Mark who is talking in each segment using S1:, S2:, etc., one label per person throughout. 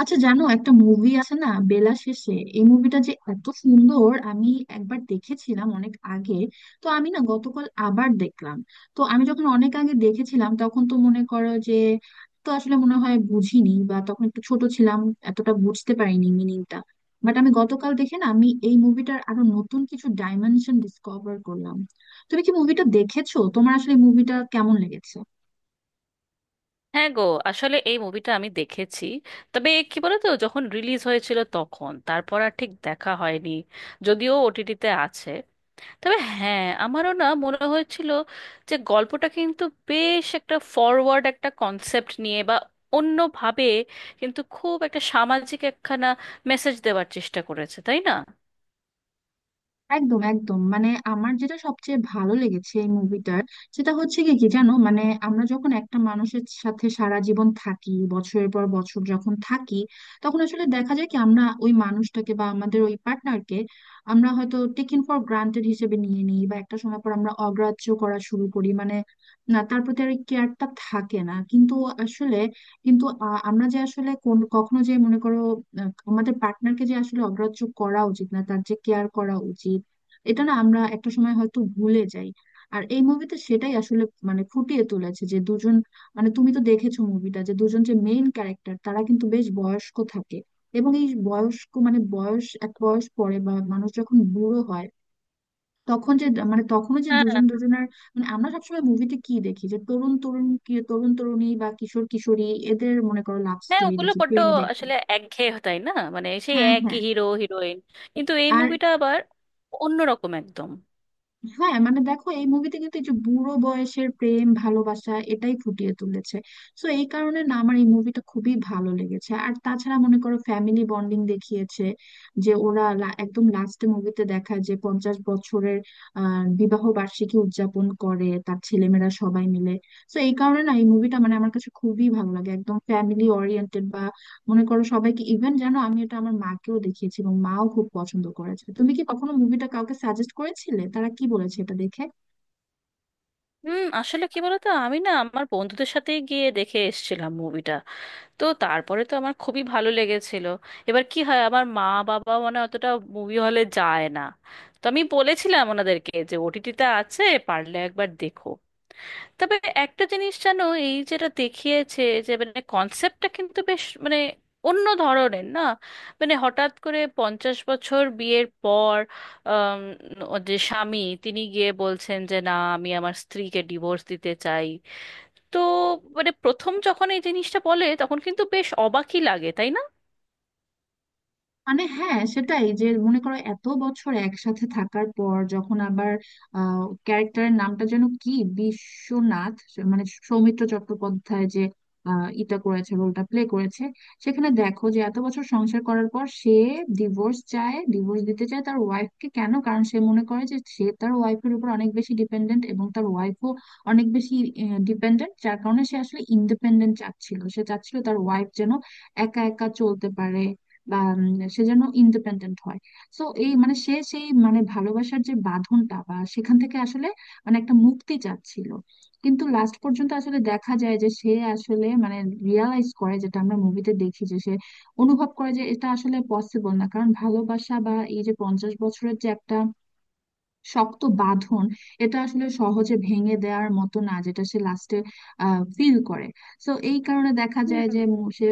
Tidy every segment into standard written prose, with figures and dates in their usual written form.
S1: আচ্ছা জানো, একটা মুভি আছে না, বেলা শেষে? এই মুভিটা যে এত সুন্দর, আমি একবার দেখেছিলাম অনেক আগে। তো আমি না, গতকাল আবার দেখলাম। তো আমি যখন অনেক আগে দেখেছিলাম তখন তো মনে করো যে, তো আসলে মনে হয় বুঝিনি, বা তখন একটু ছোট ছিলাম, এতটা বুঝতে পারিনি মিনিংটা। বাট আমি গতকাল দেখে না, আমি এই মুভিটার আরো নতুন কিছু ডাইমেনশন ডিসকভার করলাম। তুমি কি মুভিটা দেখেছো? তোমার আসলে মুভিটা কেমন লেগেছে?
S2: হ্যাঁ গো। আসলে এই মুভিটা আমি দেখেছি। তবে কি বলতো, যখন রিলিজ হয়েছিল তখন তারপর আর ঠিক দেখা হয়নি, যদিও ওটিটিতে আছে। তবে হ্যাঁ, আমারও না মনে হয়েছিল যে গল্পটা কিন্তু বেশ একটা ফরওয়ার্ড একটা কনসেপ্ট নিয়ে বা অন্যভাবে, কিন্তু খুব একটা সামাজিক একখানা মেসেজ দেওয়ার চেষ্টা করেছে, তাই না?
S1: একদম একদম, মানে আমার যেটা সবচেয়ে ভালো লেগেছে এই মুভিটার, সেটা হচ্ছে কি কি জানো, মানে আমরা যখন একটা মানুষের সাথে সারা জীবন থাকি, বছরের পর বছর যখন থাকি, তখন আসলে দেখা যায় কি, আমরা ওই মানুষটাকে বা আমাদের ওই পার্টনারকে আমরা হয়তো টেকেন ফর গ্রান্টেড হিসেবে নিয়ে নিই, বা একটা সময় পর আমরা অগ্রাহ্য করা শুরু করি, মানে না, তার প্রতি আর কেয়ারটা থাকে না। কিন্তু আসলে কিন্তু আমরা যে আসলে কোন কখনো যে মনে করো, আমাদের পার্টনারকে যে আসলে অগ্রাহ্য করা উচিত না, তার যে কেয়ার করা উচিত, এটা না আমরা একটা সময় হয়তো ভুলে যাই। আর এই মুভিতে সেটাই আসলে মানে ফুটিয়ে তুলেছে যে দুজন, মানে তুমি তো দেখেছো মুভিটা, যে দুজন যে মেইন ক্যারেক্টার, তারা কিন্তু বেশ বয়স্ক থাকে। এবং এই বয়স্ক মানে বয়স, এক বয়স পরে বা মানুষ যখন বুড়ো হয় তখন যে, মানে তখনও যে দুজন
S2: হ্যাঁ
S1: দুজনের, মানে আমরা সবসময় মুভিতে কি দেখি, যে তরুণ তরুণ কি তরুণ তরুণী বা কিশোর কিশোরী, এদের মনে করো লাভ
S2: হ্যাঁ,
S1: স্টোরি
S2: ওগুলো
S1: দেখি,
S2: বড্ড
S1: প্রেম দেখি।
S2: আসলে একঘেয়ে, তাই না? মানে সেই
S1: হ্যাঁ, হ্যাঁ।
S2: একই হিরো হিরোইন, কিন্তু এই
S1: আর
S2: মুভিটা আবার অন্যরকম একদম।
S1: হ্যাঁ, মানে দেখো, এই মুভিতে কিন্তু এই যে বুড়ো বয়সের প্রেম ভালোবাসা এটাই ফুটিয়ে তুলেছে। তো এই কারণে না আমার এই মুভিটা খুবই ভালো লেগেছে। আর তাছাড়া মনে করো ফ্যামিলি বন্ডিং দেখিয়েছে, যে ওরা একদম লাস্টে মুভিতে দেখায় যে 50 বছরের বিবাহ বার্ষিকী উদযাপন করে তার ছেলেমেয়েরা সবাই মিলে। তো এই কারণে না এই মুভিটা মানে আমার কাছে খুবই ভালো লাগে, একদম ফ্যামিলি ওরিয়েন্টেড, মনে করো সবাইকে, ইভেন জানো আমি এটা আমার মাকেও দেখিয়েছি এবং মাও খুব পছন্দ করেছে। তুমি কি কখনো মুভিটা কাউকে সাজেস্ট করেছিলে? তারা কি বলেছে এটা দেখে?
S2: হুম, আসলে কি বলতো, আমি না আমার বন্ধুদের সাথেই গিয়ে দেখে এসেছিলাম মুভিটা। তো তারপরে তো আমার খুবই ভালো লেগেছিল। এবার কি হয়, আমার মা বাবা মানে অতটা মুভি হলে যায় না। তো আমি বলেছিলাম ওনাদেরকে যে ওটিটিতে আছে, পারলে একবার দেখো। তবে একটা জিনিস জানো, এই যেটা দেখিয়েছে, যে মানে কনসেপ্টটা কিন্তু বেশ মানে অন্য ধরনের না। মানে হঠাৎ করে 50 বছর বিয়ের পর, আম, ও যে স্বামী তিনি গিয়ে বলছেন যে না, আমি আমার স্ত্রীকে ডিভোর্স দিতে চাই। তো মানে প্রথম যখন এই জিনিসটা বলে তখন কিন্তু বেশ অবাকই লাগে, তাই না?
S1: মানে হ্যাঁ, সেটাই, যে মনে করো এত বছর একসাথে থাকার পর যখন আবার, ক্যারেক্টারের নামটা যেন কি, বিশ্বনাথ, মানে সৌমিত্র চট্টোপাধ্যায় যে ইটা করেছে, রোলটা প্লে করেছে, সেখানে দেখো যে এত বছর সংসার করার পর সে ডিভোর্স চায়, ডিভোর্স দিতে চায় তার ওয়াইফকে। কেন? কারণ সে মনে করে যে সে তার ওয়াইফের উপর অনেক বেশি ডিপেন্ডেন্ট এবং তার ওয়াইফও অনেক বেশি ডিপেন্ডেন্ট। যার কারণে সে আসলে ইন্ডিপেন্ডেন্ট চাচ্ছিল, সে চাচ্ছিল তার ওয়াইফ যেন একা একা চলতে পারে, বা সে যেন ইন্ডিপেন্ডেন্ট হয়। সো এই মানে সে, সেই মানে ভালোবাসার যে বাঁধনটা, বা সেখান থেকে আসলে মানে একটা মুক্তি চাচ্ছিল। কিন্তু লাস্ট পর্যন্ত আসলে দেখা যায় যে সে আসলে মানে রিয়ালাইজ করে, যেটা আমরা মুভিতে দেখি যে সে অনুভব করে যে এটা আসলে পসিবল না, কারণ ভালোবাসা বা এই যে 50 বছরের যে একটা শক্ত বাঁধন, এটা আসলে সহজে ভেঙে দেওয়ার মতো না, যেটা সে লাস্টে ফিল করে। তো এই কারণে দেখা যায় যে
S2: হুম।
S1: সে,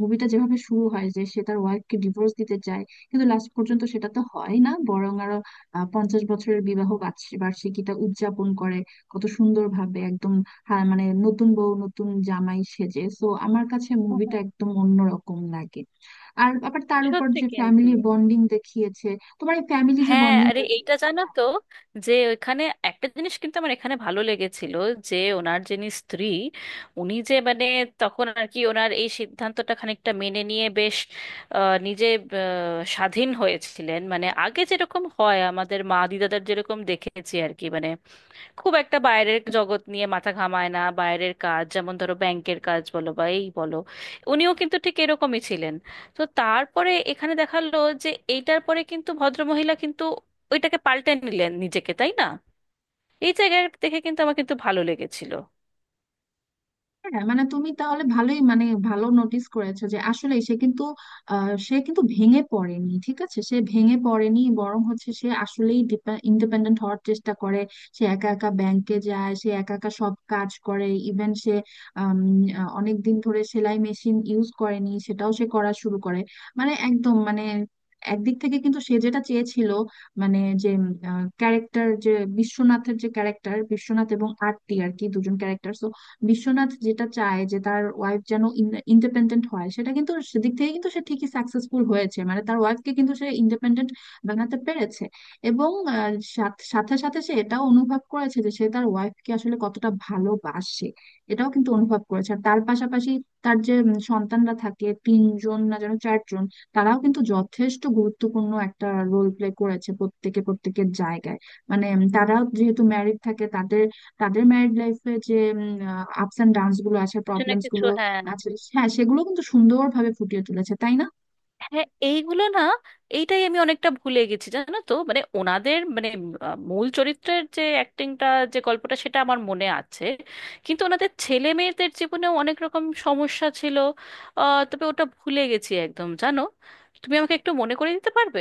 S1: মুভিটা যেভাবে শুরু হয় যে সে তার ওয়াইফকে ডিভোর্স দিতে চায়, কিন্তু লাস্ট পর্যন্ত সেটা তো হয় না, বরং আরো 50 বছরের বিবাহ বার্ষিকীটা উদযাপন করে, কত সুন্দর ভাবে একদম। হ্যাঁ, মানে নতুন বউ নতুন জামাই সেজে, তো আমার কাছে মুভিটা একদম অন্যরকম লাগে। আর আবার তার উপর
S2: সত্যি
S1: যে
S2: কিন্তু।
S1: ফ্যামিলি বন্ডিং দেখিয়েছে, তোমার এই ফ্যামিলি যে
S2: হ্যাঁ
S1: বন্ডিং।
S2: আরে, এইটা জানো তো, যে ওইখানে একটা জিনিস কিন্তু আমার এখানে ভালো লেগেছিল। যে ওনার যিনি স্ত্রী, উনি যে মানে তখন আর কি ওনার এই সিদ্ধান্তটা খানিকটা মেনে নিয়ে বেশ নিজে স্বাধীন হয়েছিলেন। মানে আগে যেরকম হয়, আমাদের মা দিদাদের যেরকম দেখেছি আর কি, মানে খুব একটা বাইরের জগৎ নিয়ে মাথা ঘামায় না, বাইরের কাজ যেমন ধরো ব্যাংকের কাজ বলো বা এই বলো, উনিও কিন্তু ঠিক এরকমই ছিলেন। তো তারপরে এখানে দেখালো যে এইটার পরে কিন্তু ভদ্রমহিলা কিন্তু ওইটাকে পাল্টে নিলেন নিজেকে, তাই না? এই জায়গায় দেখে কিন্তু আমার কিন্তু ভালো লেগেছিল।
S1: হ্যাঁ, মানে তুমি তাহলে ভালোই, মানে ভালো নোটিস করেছো যে আসলে সে কিন্তু সে কিন্তু ভেঙে পড়েনি। ঠিক আছে, সে ভেঙে পড়েনি, বরং হচ্ছে সে আসলেই ইন্ডিপেন্ডেন্ট হওয়ার চেষ্টা করে। সে একা একা ব্যাংকে যায়, সে একা একা সব কাজ করে। ইভেন সে অনেক দিন ধরে সেলাই মেশিন ইউজ করেনি, সেটাও সে করা শুরু করে। মানে একদম মানে একদিক থেকে কিন্তু সে যেটা চেয়েছিল, মানে যে ক্যারেক্টার যে, বিশ্বনাথের যে ক্যারেক্টার, বিশ্বনাথ এবং আরতি আর কি দুজন ক্যারেক্টার, বিশ্বনাথ যেটা চায় যে তার ওয়াইফ যেন ইন্ডিপেন্ডেন্ট হয়, সেটা কিন্তু সেদিক থেকে কিন্তু সে ঠিকই সাকসেসফুল হয়েছে, মানে তার ওয়াইফকে কিন্তু সে ইন্ডিপেন্ডেন্ট বানাতে পেরেছে। এবং সাথে সাথে সে এটাও অনুভব করেছে যে সে তার ওয়াইফকে আসলে কতটা ভালোবাসে, এটাও কিন্তু অনুভব করেছে। আর তার পাশাপাশি তার যে সন্তানরা থাকে, 3 জন না যেন 4 জন, তারাও কিন্তু যথেষ্ট গুরুত্বপূর্ণ একটা রোল প্লে করেছে, প্রত্যেকে প্রত্যেকের জায়গায়। মানে তারাও যেহেতু ম্যারিড থাকে, তাদের তাদের ম্যারিড লাইফে যে আপস এন্ড ডাউনস গুলো আছে,
S2: কিছু না
S1: প্রবলেমস
S2: কিছু,
S1: গুলো
S2: হ্যাঁ।
S1: আছে। হ্যাঁ, সেগুলো কিন্তু সুন্দরভাবে ফুটিয়ে তুলেছে, তাই না?
S2: হ্যাঁ এইগুলো না, এইটাই আমি অনেকটা ভুলে গেছি জানো তো। মানে ওনাদের মানে মূল চরিত্রের যে অ্যাক্টিংটা, যে গল্পটা, সেটা আমার মনে আছে। কিন্তু ওনাদের ছেলে মেয়েদের জীবনেও অনেক রকম সমস্যা ছিল, তবে ওটা ভুলে গেছি একদম জানো। তুমি আমাকে একটু মনে করে দিতে পারবে?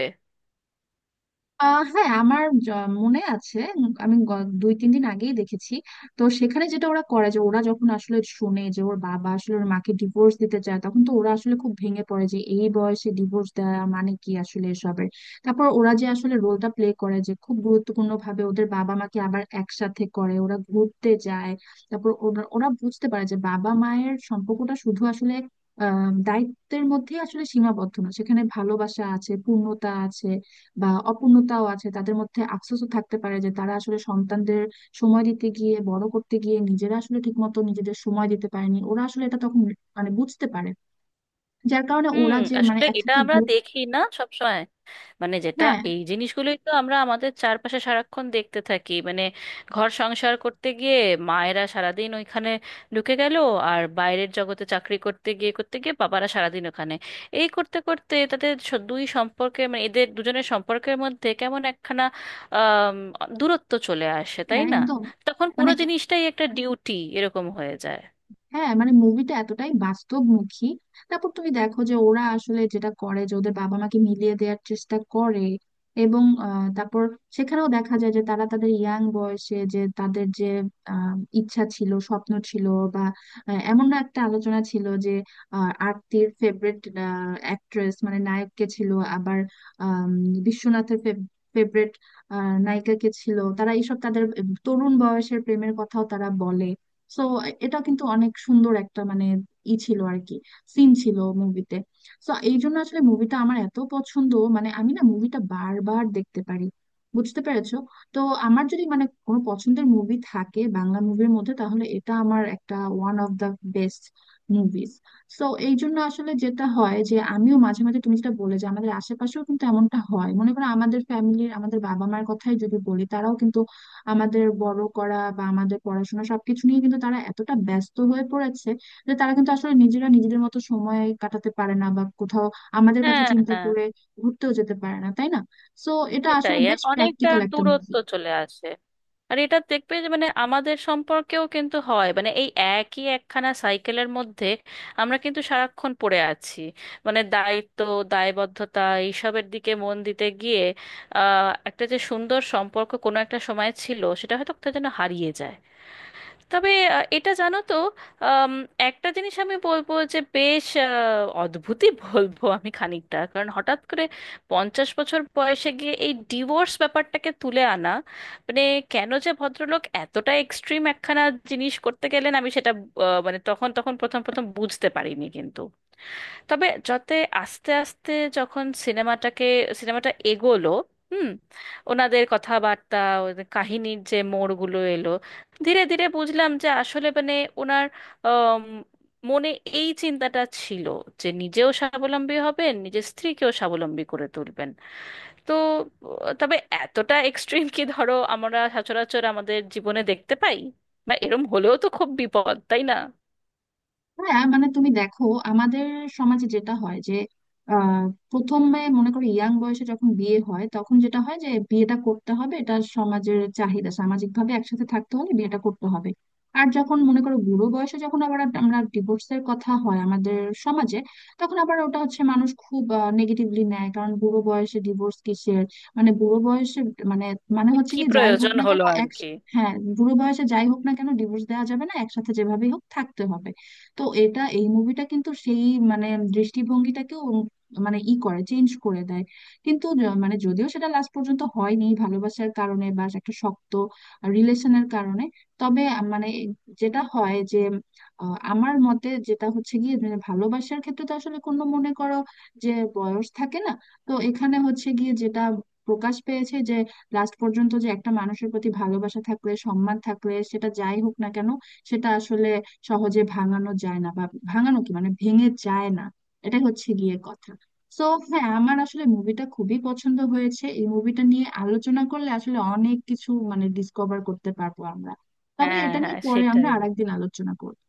S1: হ্যাঁ, আমার মনে আছে, আমি 2-3 দিন আগেই দেখেছি। তো সেখানে যেটা ওরা করে, যে ওরা যখন আসলে শুনে যে ওর বাবা আসলে ওর মাকে ডিভোর্স দিতে চায়, তখন তো ওরা আসলে খুব ভেঙে পড়ে যে এই বয়সে ডিভোর্স দেওয়া মানে কি আসলে এসবের। তারপর ওরা যে আসলে রোলটা প্লে করে যে খুব গুরুত্বপূর্ণ ভাবে ওদের বাবা মাকে আবার একসাথে করে, ওরা ঘুরতে যায়। তারপর ওরা ওরা বুঝতে পারে যে বাবা মায়ের সম্পর্কটা শুধু আসলে আহ দায়িত্বের মধ্যেই আসলে সীমাবদ্ধ না, সেখানে ভালোবাসা আছে, পূর্ণতা আছে, বা অপূর্ণতাও আছে, তাদের মধ্যে আফসোসও থাকতে পারে যে তারা আসলে সন্তানদের সময় দিতে গিয়ে, বড় করতে গিয়ে, নিজেরা আসলে ঠিকমতো নিজেদের সময় দিতে পারেনি। ওরা আসলে এটা তখন মানে বুঝতে পারে, যার কারণে
S2: হুম।
S1: ওরা যে মানে
S2: আসলে এটা
S1: একসাথে
S2: আমরা
S1: গ্রুপ,
S2: দেখি না সবসময়। মানে যেটা
S1: হ্যাঁ
S2: এই জিনিসগুলোই তো আমরা আমাদের চারপাশে সারাক্ষণ দেখতে থাকি মানে। ঘর সংসার করতে গিয়ে মায়েরা সারাদিন ওইখানে ঢুকে গেল। আর বাইরের জগতে চাকরি করতে গিয়ে বাবারা সারাদিন ওখানে। এই করতে করতে তাদের দুই সম্পর্কে, মানে এদের দুজনের সম্পর্কের মধ্যে কেমন একখানা আম, দূরত্ব চলে আসে, তাই
S1: হ্যাঁ,
S2: না?
S1: একদম
S2: তখন
S1: মানে
S2: পুরো জিনিসটাই একটা ডিউটি এরকম হয়ে যায়।
S1: হ্যাঁ, মানে মুভিটা এতটাই বাস্তবমুখী। তারপর তুমি দেখো যে ওরা আসলে যেটা করে যে ওদের বাবা মাকে মিলিয়ে দেওয়ার চেষ্টা করে, এবং তারপর সেখানেও দেখা যায় যে তারা তাদের ইয়াং বয়সে যে তাদের যে আহ, ইচ্ছা ছিল, স্বপ্ন ছিল, বা এমন না একটা আলোচনা ছিল যে আরতির ফেভারিট অ্যাক্ট্রেস, মানে নায়ককে ছিল, আবার আম, বিশ্বনাথের ফেভারিট নায়িকাকে ছিল, তারা এইসব তাদের তরুণ বয়সের প্রেমের কথাও তারা বলে। সো এটা কিন্তু অনেক সুন্দর একটা, মানে ই ছিল আর কি, সিন ছিল মুভিতে। সো এই জন্য আসলে মুভিটা আমার এত পছন্দ, মানে আমি না মুভিটা বারবার দেখতে পারি, বুঝতে পেরেছো? তো আমার যদি মানে কোনো পছন্দের মুভি থাকে বাংলা মুভির মধ্যে, তাহলে এটা আমার একটা one of the best movies. So এই জন্য আসলে যেটা হয়, যে আমিও মাঝে মাঝে তুমি যেটা বলে যে আমাদের আশেপাশেও কিন্তু এমনটা হয়, মনে করো আমাদের ফ্যামিলির আমাদের বাবা মার কথাই যদি বলি, তারাও কিন্তু আমাদের বড় করা বা আমাদের পড়াশোনা সবকিছু নিয়ে কিন্তু তারা এতটা ব্যস্ত হয়ে পড়েছে যে তারা কিন্তু আসলে নিজেরা নিজেদের মতো সময় কাটাতে পারে না, বা কোথাও আমাদের কথা
S2: হ্যাঁ
S1: চিন্তা
S2: হ্যাঁ,
S1: করে ঘুরতেও যেতে পারে না, তাই না? সো এটা আসলে
S2: সেটাই। আর
S1: বেশ
S2: অনেকটা
S1: প্র্যাকটিক্যাল একটা
S2: দূরত্ব
S1: মুভি।
S2: চলে আসে। আর এটা দেখবে যে মানে আমাদের সম্পর্কেও কিন্তু হয়, মানে এই একই একখানা সাইকেলের মধ্যে আমরা কিন্তু সারাক্ষণ পড়ে আছি। মানে দায়িত্ব, দায়বদ্ধতা, এইসবের দিকে মন দিতে গিয়ে একটা যে সুন্দর সম্পর্ক কোনো একটা সময় ছিল, সেটা হয়তো কোথায় যেন হারিয়ে যায়। তবে এটা জানো তো, আম, একটা জিনিস আমি বলবো যে বেশ অদ্ভুতই বলবো আমি খানিকটা, কারণ হঠাৎ করে 50 বছর বয়সে গিয়ে এই ডিভোর্স ব্যাপারটাকে তুলে আনা, মানে কেন যে ভদ্রলোক এতটা এক্সট্রিম একখানা জিনিস করতে গেলেন আমি সেটা মানে তখন তখন প্রথম প্রথম বুঝতে পারিনি। কিন্তু তবে যাতে আস্তে আস্তে যখন সিনেমাটা এগোলো, হুম, ওনাদের কথাবার্তা, ওদের কাহিনীর যে মোড়গুলো এলো, ধীরে ধীরে বুঝলাম যে আসলে মানে ওনার আম, মনে এই চিন্তাটা ছিল যে নিজেও স্বাবলম্বী হবেন, নিজের স্ত্রীকেও স্বাবলম্বী করে তুলবেন। তো তবে এতটা এক্সট্রিম কি ধরো আমরা সচরাচর আমাদের জীবনে দেখতে পাই? বা এরম হলেও তো খুব বিপদ, তাই না?
S1: হ্যাঁ মানে তুমি দেখো, আমাদের সমাজে যেটা হয় যে আহ, প্রথমে মনে করো ইয়াং বয়সে যখন বিয়ে হয় তখন যেটা হয় যে বিয়েটা করতে হবে, এটা সমাজের চাহিদা, সামাজিক ভাবে একসাথে থাকতে হলে বিয়েটা করতে হবে। আর যখন মনে করো বুড়ো বয়সে, যখন আবার আমরা ডিভোর্সের কথা হয় আমাদের সমাজে, তখন আবার ওটা হচ্ছে মানুষ খুব নেগেটিভলি নেয়, কারণ বুড়ো বয়সে ডিভোর্স কিসের, মানে বুড়ো বয়সে মানে, মানে
S2: মানে
S1: হচ্ছে
S2: কি
S1: কি, যাই হোক
S2: প্রয়োজন
S1: না কেন
S2: হলো আর
S1: এক,
S2: কি।
S1: হ্যাঁ বুড়ো বয়সে যাই হোক না কেন ডিভোর্স দেওয়া যাবে না, একসাথে যেভাবেই হোক থাকতে হবে। তো এটা, এই মুভিটা কিন্তু সেই মানে দৃষ্টিভঙ্গিটাকেও উম, মানে ই করে চেঞ্জ করে দেয়। কিন্তু মানে যদিও সেটা লাস্ট পর্যন্ত হয়নি ভালোবাসার কারণে বা একটা শক্ত রিলেশনের কারণে, তবে মানে যেটা হয় যে আমার মতে যেটা হচ্ছে গিয়ে মানে ভালোবাসার ক্ষেত্রে তো আসলে কোনো মনে করো যে বয়স থাকে না। তো এখানে হচ্ছে গিয়ে যেটা প্রকাশ পেয়েছে যে লাস্ট পর্যন্ত যে একটা মানুষের প্রতি ভালোবাসা থাকলে, সম্মান থাকলে, সেটা যাই হোক না কেন সেটা আসলে সহজে ভাঙানো যায় না, বা ভাঙানো কি মানে ভেঙে যায় না, এটাই হচ্ছে গিয়ে কথা। তো হ্যাঁ, আমার আসলে মুভিটা খুবই পছন্দ হয়েছে। এই মুভিটা নিয়ে আলোচনা করলে আসলে অনেক কিছু মানে ডিসকভার করতে পারবো আমরা। তবে
S2: হ্যাঁ
S1: এটা নিয়ে
S2: হ্যাঁ
S1: পরে আমরা
S2: সেটাই।
S1: আরেকদিন আলোচনা করবো।